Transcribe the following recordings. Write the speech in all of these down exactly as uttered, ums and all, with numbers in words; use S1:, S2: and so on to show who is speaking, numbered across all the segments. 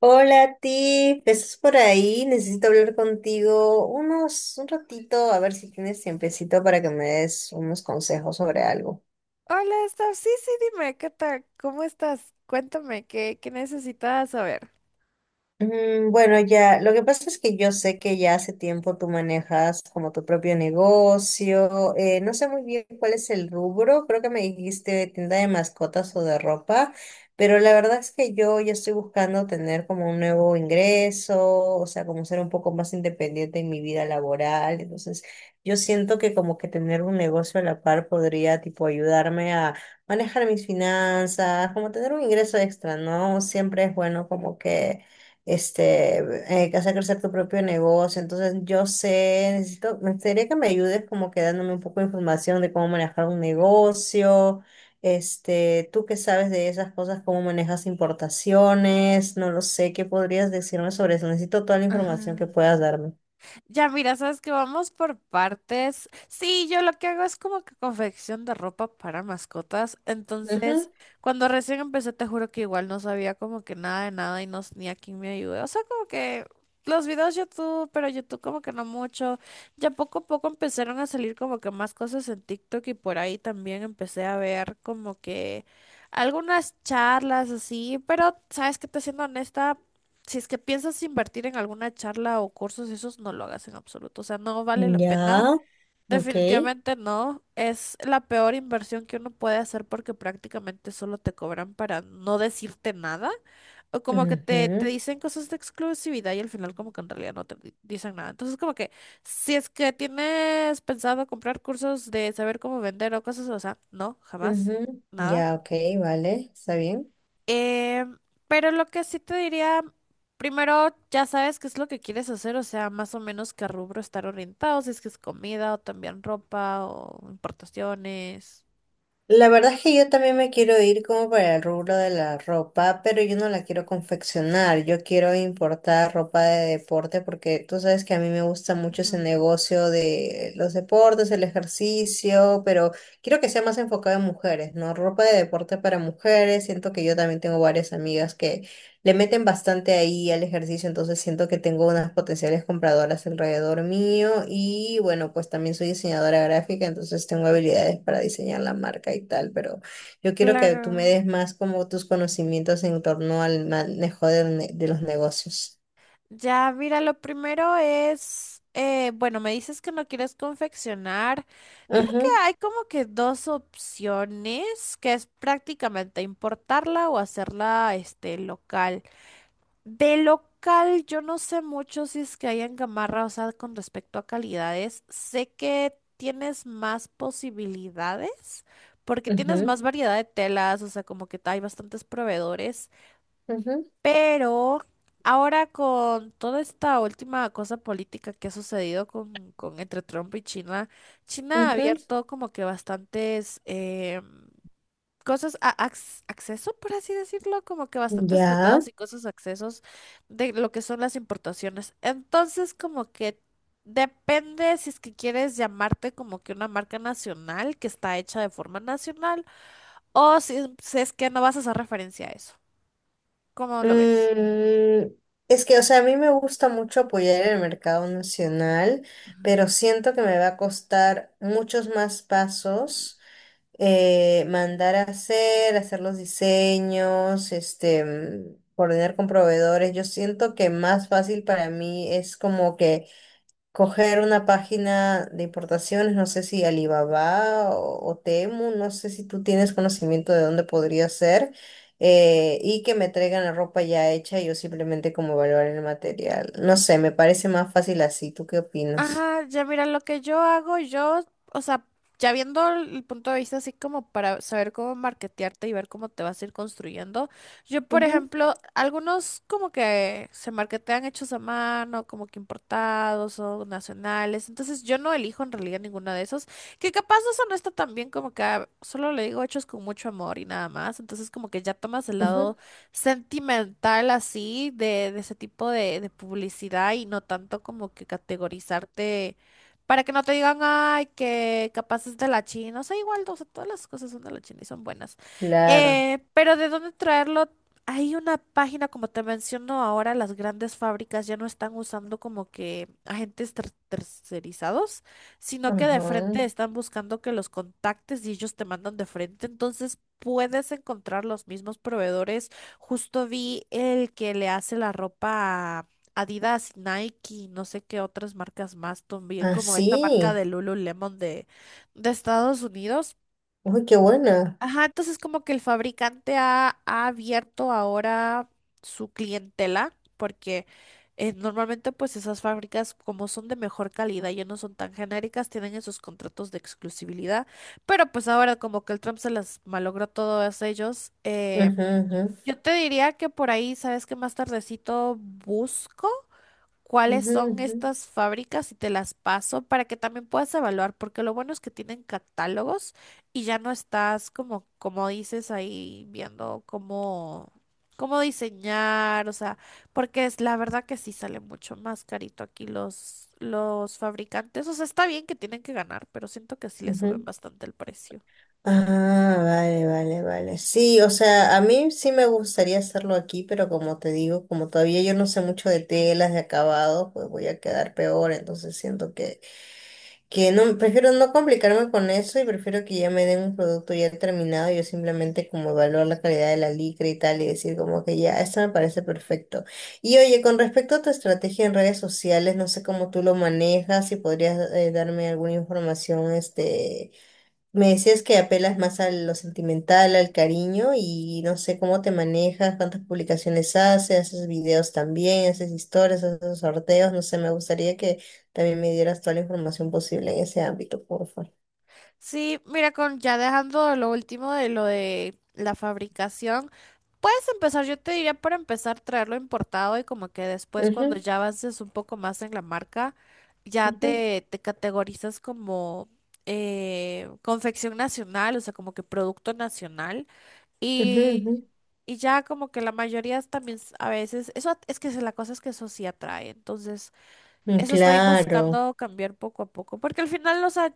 S1: Hola, Tiff, ¿estás por ahí? Necesito hablar contigo unos, un ratito, a ver si tienes tiempecito para que me des unos consejos sobre algo.
S2: Hola, Steph. Sí, sí, dime, ¿qué tal? ¿Cómo estás? Cuéntame, ¿qué, qué necesitas saber?
S1: Mm, Bueno, ya, lo que pasa es que yo sé que ya hace tiempo tú manejas como tu propio negocio. Eh, no sé muy bien cuál es el rubro, creo que me dijiste tienda de mascotas o de ropa, pero la verdad es que yo ya estoy buscando tener como un nuevo ingreso, o sea, como ser un poco más independiente en mi vida laboral. Entonces, yo siento que como que tener un negocio a la par podría tipo ayudarme a manejar mis finanzas, como tener un ingreso extra, ¿no? Siempre es bueno como que este, eh, que hacer crecer tu propio negocio. Entonces, yo sé, necesito, me gustaría que me ayudes como que dándome un poco de información de cómo manejar un negocio. Este, tú qué sabes de esas cosas, cómo manejas importaciones, no lo sé, ¿qué podrías decirme sobre eso? Necesito toda la información que
S2: Ajá.
S1: puedas darme.
S2: Ya, mira, sabes que vamos por partes. Sí, yo lo que hago es como que confección de ropa para mascotas. Entonces,
S1: Ujú.
S2: cuando recién empecé, te juro que igual no sabía como que nada de nada y no ni a quién me ayudé. O sea, como que los videos YouTube, pero YouTube como que no mucho. Ya poco a poco empezaron a salir como que más cosas en TikTok y por ahí también empecé a ver como que algunas charlas así. Pero, sabes que te siendo honesta, si es que piensas invertir en alguna charla o cursos, esos no lo hagas en absoluto. O sea, no vale la pena.
S1: Ya, ok.
S2: Definitivamente no. Es la peor inversión que uno puede hacer porque prácticamente solo te cobran para no decirte nada. O como que te, te
S1: Ujú,
S2: dicen cosas de exclusividad y al final como que en realidad no te di- dicen nada. Entonces como que si es que tienes pensado comprar cursos de saber cómo vender o cosas, o sea, no, jamás.
S1: ujú.
S2: Nada,
S1: Ya, ok, vale, está bien.
S2: eh, pero lo que sí te diría, primero ya sabes qué es lo que quieres hacer, o sea, más o menos qué rubro estar orientado, si es que es comida o también ropa o importaciones.
S1: La verdad es que yo también me quiero ir como para el rubro de la ropa, pero yo no la quiero confeccionar, yo quiero importar ropa de deporte porque tú sabes que a mí me gusta mucho ese
S2: Ujú.
S1: negocio de los deportes, el ejercicio, pero quiero que sea más enfocado en mujeres, ¿no? Ropa de deporte para mujeres, siento que yo también tengo varias amigas le meten bastante ahí al ejercicio, entonces siento que tengo unas potenciales compradoras alrededor mío y bueno, pues también soy diseñadora gráfica, entonces tengo habilidades para diseñar la marca y tal, pero yo quiero que
S2: Claro.
S1: tú me des más como tus conocimientos en torno al manejo de, ne- de los negocios.
S2: Ya, mira, lo primero es, eh, bueno, me dices que no quieres confeccionar. Creo que
S1: Ujú,
S2: hay como que dos opciones, que es prácticamente importarla o hacerla, este, local. De local, yo no sé mucho si es que hay en Gamarra, o sea, con respecto a calidades. Sé que tienes más posibilidades porque tienes
S1: ujú,
S2: más variedad de telas, o sea, como que hay bastantes proveedores.
S1: ujú,
S2: Pero ahora con toda esta última cosa política que ha sucedido con, con entre Trump y China, China ha
S1: ujú.
S2: abierto como que bastantes em, cosas, a- ac- acceso, por así decirlo, como que bastantes
S1: Ya.
S2: tratados y cosas accesos de lo que son las importaciones. Entonces, como que depende si es que quieres llamarte como que una marca nacional que está hecha de forma nacional o si, si es que no vas a hacer referencia a eso. ¿Cómo lo ves?
S1: Mm, es que, o sea, a mí me gusta mucho apoyar el mercado nacional,
S2: Ujú.
S1: pero siento que me va a costar muchos más pasos, eh, mandar a hacer, hacer los diseños, este, mm, coordinar con proveedores. Yo siento que más fácil para mí es como que coger una página de importaciones, no sé si Alibaba o, o Temu, no sé si tú tienes conocimiento de dónde podría ser, eh, y que me traigan la ropa ya hecha y yo simplemente como evaluar el material. No sé, me parece más fácil así. ¿Tú qué opinas?
S2: Ajá, ya mira, lo que yo hago, yo, o sea, ya viendo el el punto de vista así como para saber cómo marketearte y ver cómo te vas a ir construyendo, yo, por
S1: Ujú,
S2: ejemplo, algunos como que se marketean hechos a mano, como que importados o nacionales, entonces yo no elijo en realidad ninguno de esos, que capaz eso no está tan bien como que ah, solo le digo hechos con mucho amor y nada más, entonces como que ya tomas el
S1: ujú,
S2: lado sentimental así de, de ese tipo de, de publicidad y no tanto como que categorizarte para que no te digan, ay, que capaz es de la China. O sea, igual, o sea, todas las cosas son de la China y son buenas.
S1: claro.
S2: Eh, pero ¿de dónde traerlo? Hay una página, como te menciono ahora, las grandes fábricas ya no están usando como que agentes ter- tercerizados, sino que de
S1: Ajá.
S2: frente están buscando que los contactes y ellos te mandan de frente. Entonces puedes encontrar los mismos proveedores. Justo vi el que le hace la ropa a Adidas, Nike, no sé qué otras marcas más, también como esta marca
S1: Así.
S2: de Lululemon de, de Estados Unidos.
S1: Uy, qué buena.
S2: Ajá, entonces como que el fabricante ha, ha abierto ahora su clientela, porque eh, normalmente pues esas fábricas como son de mejor calidad y no son tan genéricas, tienen esos contratos de exclusividad, pero pues ahora como que el Trump se las malogró a todos ellos. Eh,
S1: Ujú, ujú,
S2: yo te diría que por ahí, sabes que más tardecito busco cuáles
S1: ujú,
S2: son
S1: ujú,
S2: estas fábricas y te las paso para que también puedas evaluar, porque lo bueno es que tienen catálogos y ya no estás como, como dices ahí viendo cómo, cómo diseñar, o sea, porque es la verdad que sí sale mucho más carito aquí los, los fabricantes. O sea, está bien que tienen que ganar, pero siento que sí le suben
S1: ujú.
S2: bastante el precio.
S1: Ah, vale, vale, vale. Sí, o sea, a mí sí me gustaría hacerlo aquí, pero como te digo, como todavía yo no sé mucho de telas, de acabados, pues voy a quedar peor, entonces siento que, que no, prefiero no complicarme con eso y prefiero que ya me den un producto ya terminado, yo simplemente como evaluar la calidad de la licra y tal y decir como que ya, esto me parece perfecto. Y oye, con respecto a tu estrategia en redes sociales, no sé cómo tú lo manejas, si podrías eh, darme alguna información, este me decías que apelas más a lo sentimental, al cariño y no sé cómo te manejas, cuántas publicaciones haces, haces videos también, haces historias, haces sorteos, no sé, me gustaría que también me dieras toda la información posible en ese ámbito, por favor.
S2: Sí, mira, con ya dejando lo último de lo de la fabricación, puedes empezar, yo te diría para empezar traerlo importado y como que después
S1: Ujú,
S2: cuando ya avances un poco más en la marca, ya
S1: ujú,
S2: te, te categorizas como eh, confección nacional, o sea, como que producto nacional.
S1: ujú,
S2: Y,
S1: ujú.
S2: y ya como que la mayoría también s- a veces, eso at- es que se- la cosa es que eso sí atrae. Entonces,
S1: Mm,
S2: eso estoy
S1: Claro,
S2: buscando cambiar poco a poco, porque al final, o sea,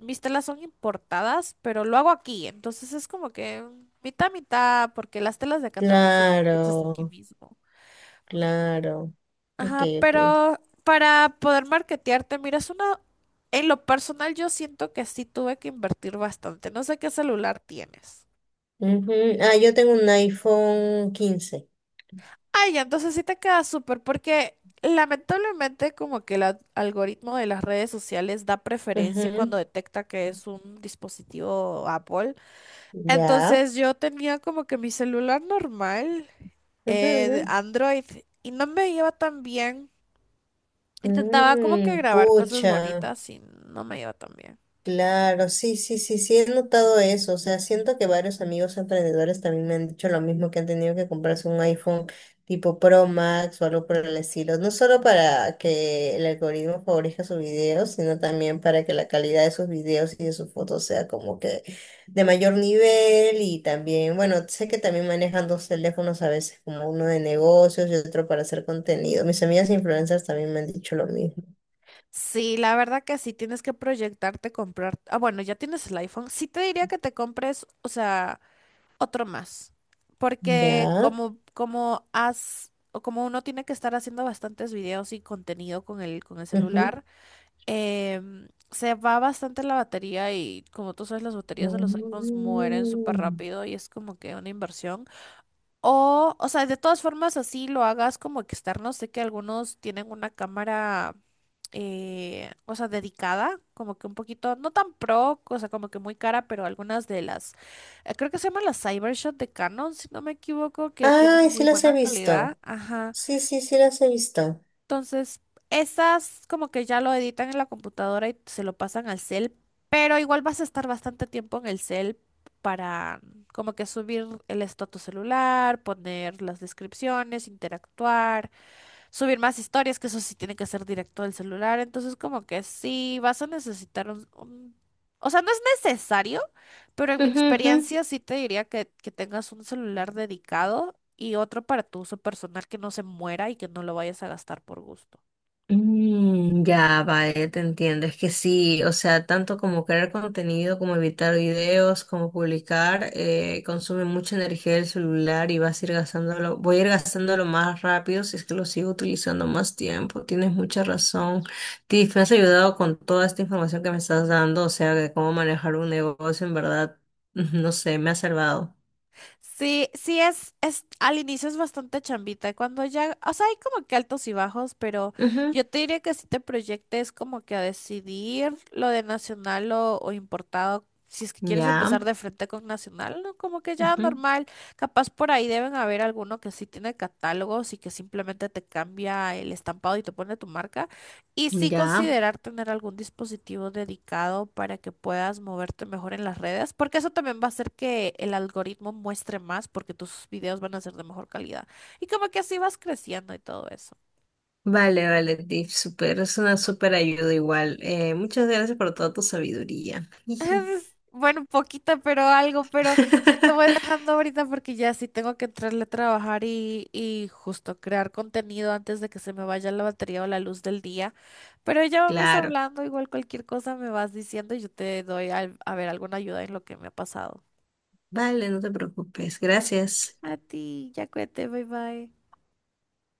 S2: mis telas son importadas, pero lo hago aquí, entonces es como que mitad, mitad, porque las telas de acá también son hechas aquí
S1: claro,
S2: mismo.
S1: claro. Ok,
S2: Ajá,
S1: ok.
S2: pero para poder marketearte, mira, es una... En lo personal, yo siento que sí tuve que invertir bastante. No sé qué celular tienes.
S1: Ujú. Ah, yo tengo un iPhone quince.
S2: Ay, entonces sí te queda súper, porque lamentablemente como que el ad- algoritmo de las redes sociales da preferencia
S1: Ujú.
S2: cuando detecta que es un dispositivo Apple.
S1: Ya.
S2: Entonces yo tenía como que mi celular normal,
S1: Ujú,
S2: eh, de
S1: ujú.
S2: Android, y no me iba tan bien. Intentaba como que
S1: Mm,
S2: grabar cosas
S1: pucha.
S2: bonitas y no me iba tan bien.
S1: Claro, sí, sí, sí, sí, he notado eso. O sea, siento que varios amigos emprendedores también me han dicho lo mismo, que han tenido que comprarse un iPhone tipo Pro Max o algo por el estilo. No solo para que el algoritmo favorezca sus videos, sino también para que la calidad de sus videos y de sus fotos sea como que de mayor nivel. Y también, bueno, sé que también manejan dos teléfonos a veces, como uno de negocios y otro para hacer contenido. Mis amigas influencers también me han dicho lo mismo.
S2: Sí, la verdad que sí, tienes que proyectarte, comprar. Ah, bueno, ya tienes el iPhone. Sí te diría que te compres, o sea... otro más, porque
S1: Ya.
S2: como, como has, o como uno tiene que estar haciendo bastantes videos y contenido con el, con el celular, em, se va bastante la batería y como tú sabes, las baterías de los iPhones mueren súper
S1: Mm.
S2: rápido y es como que una inversión. O, o sea, de todas formas, así lo hagas como externo. Sé que algunos tienen una cámara, eh, o sea, dedicada, como que un poquito, no tan pro, o sea, como que muy cara, pero algunas de las, eh, creo que se llaman las Cybershot de Canon, si no me equivoco, que tienen
S1: Ay, sí
S2: muy
S1: las he
S2: buena calidad.
S1: visto.
S2: Ajá.
S1: Sí, sí, sí las he visto.
S2: Entonces, esas como que ya lo editan en la computadora y se lo pasan al cel, pero igual vas a estar bastante tiempo en el cel para como que subir el estado a tu celular, poner las descripciones, interactuar, subir más historias, que eso sí tiene que ser directo del celular. Entonces, como que sí vas a necesitar un, un- o sea, no es necesario, pero en mi
S1: Ujú, ujú.
S2: experiencia sí te diría que, que tengas un celular dedicado y otro para tu uso personal que no se muera y que no lo vayas a gastar por gusto.
S1: Mm, ya, vale, te entiendo. Es que sí, o sea, tanto como crear contenido, como evitar videos, como publicar, eh, consume mucha energía del celular y vas a ir gastándolo, voy a ir gastándolo más rápido si es que lo sigo utilizando más tiempo. Tienes mucha razón. Tiff, me has ayudado con toda esta información que me estás dando, o sea, de cómo manejar un negocio, en verdad, no sé, me ha salvado.
S2: Sí, sí es, es, al inicio es bastante chambita, cuando ya, o sea, hay como que altos y bajos, pero
S1: Ujú,
S2: yo te diría que si te proyectes como que a decidir lo de nacional o, o importado, si es que quieres
S1: ya,
S2: empezar de frente con nacional, ¿no? Como que ya
S1: ujú,
S2: normal, capaz por ahí deben haber alguno que sí tiene catálogos y que simplemente te cambia el estampado y te pone tu marca. Y sí
S1: ya.
S2: considerar tener algún dispositivo dedicado para que puedas moverte mejor en las redes, porque eso también va a hacer que el algoritmo muestre más, porque tus videos van a ser de mejor calidad. Y como que así vas creciendo y todo eso.
S1: Vale, vale, Tiff, super, es una súper ayuda igual. Eh, muchas gracias por toda tu sabiduría. Jiji.
S2: Bueno, poquita, pero algo, pero yo te voy dejando ahorita porque ya sí tengo que entrarle a trabajar y, y justo crear contenido antes de que se me vaya la batería o la luz del día. Pero ya vamos
S1: Claro,
S2: hablando, igual cualquier cosa me vas diciendo y yo te doy al- a ver alguna ayuda en lo que me ha pasado.
S1: vale, no te preocupes, gracias.
S2: A ti, ya cuídate, bye bye.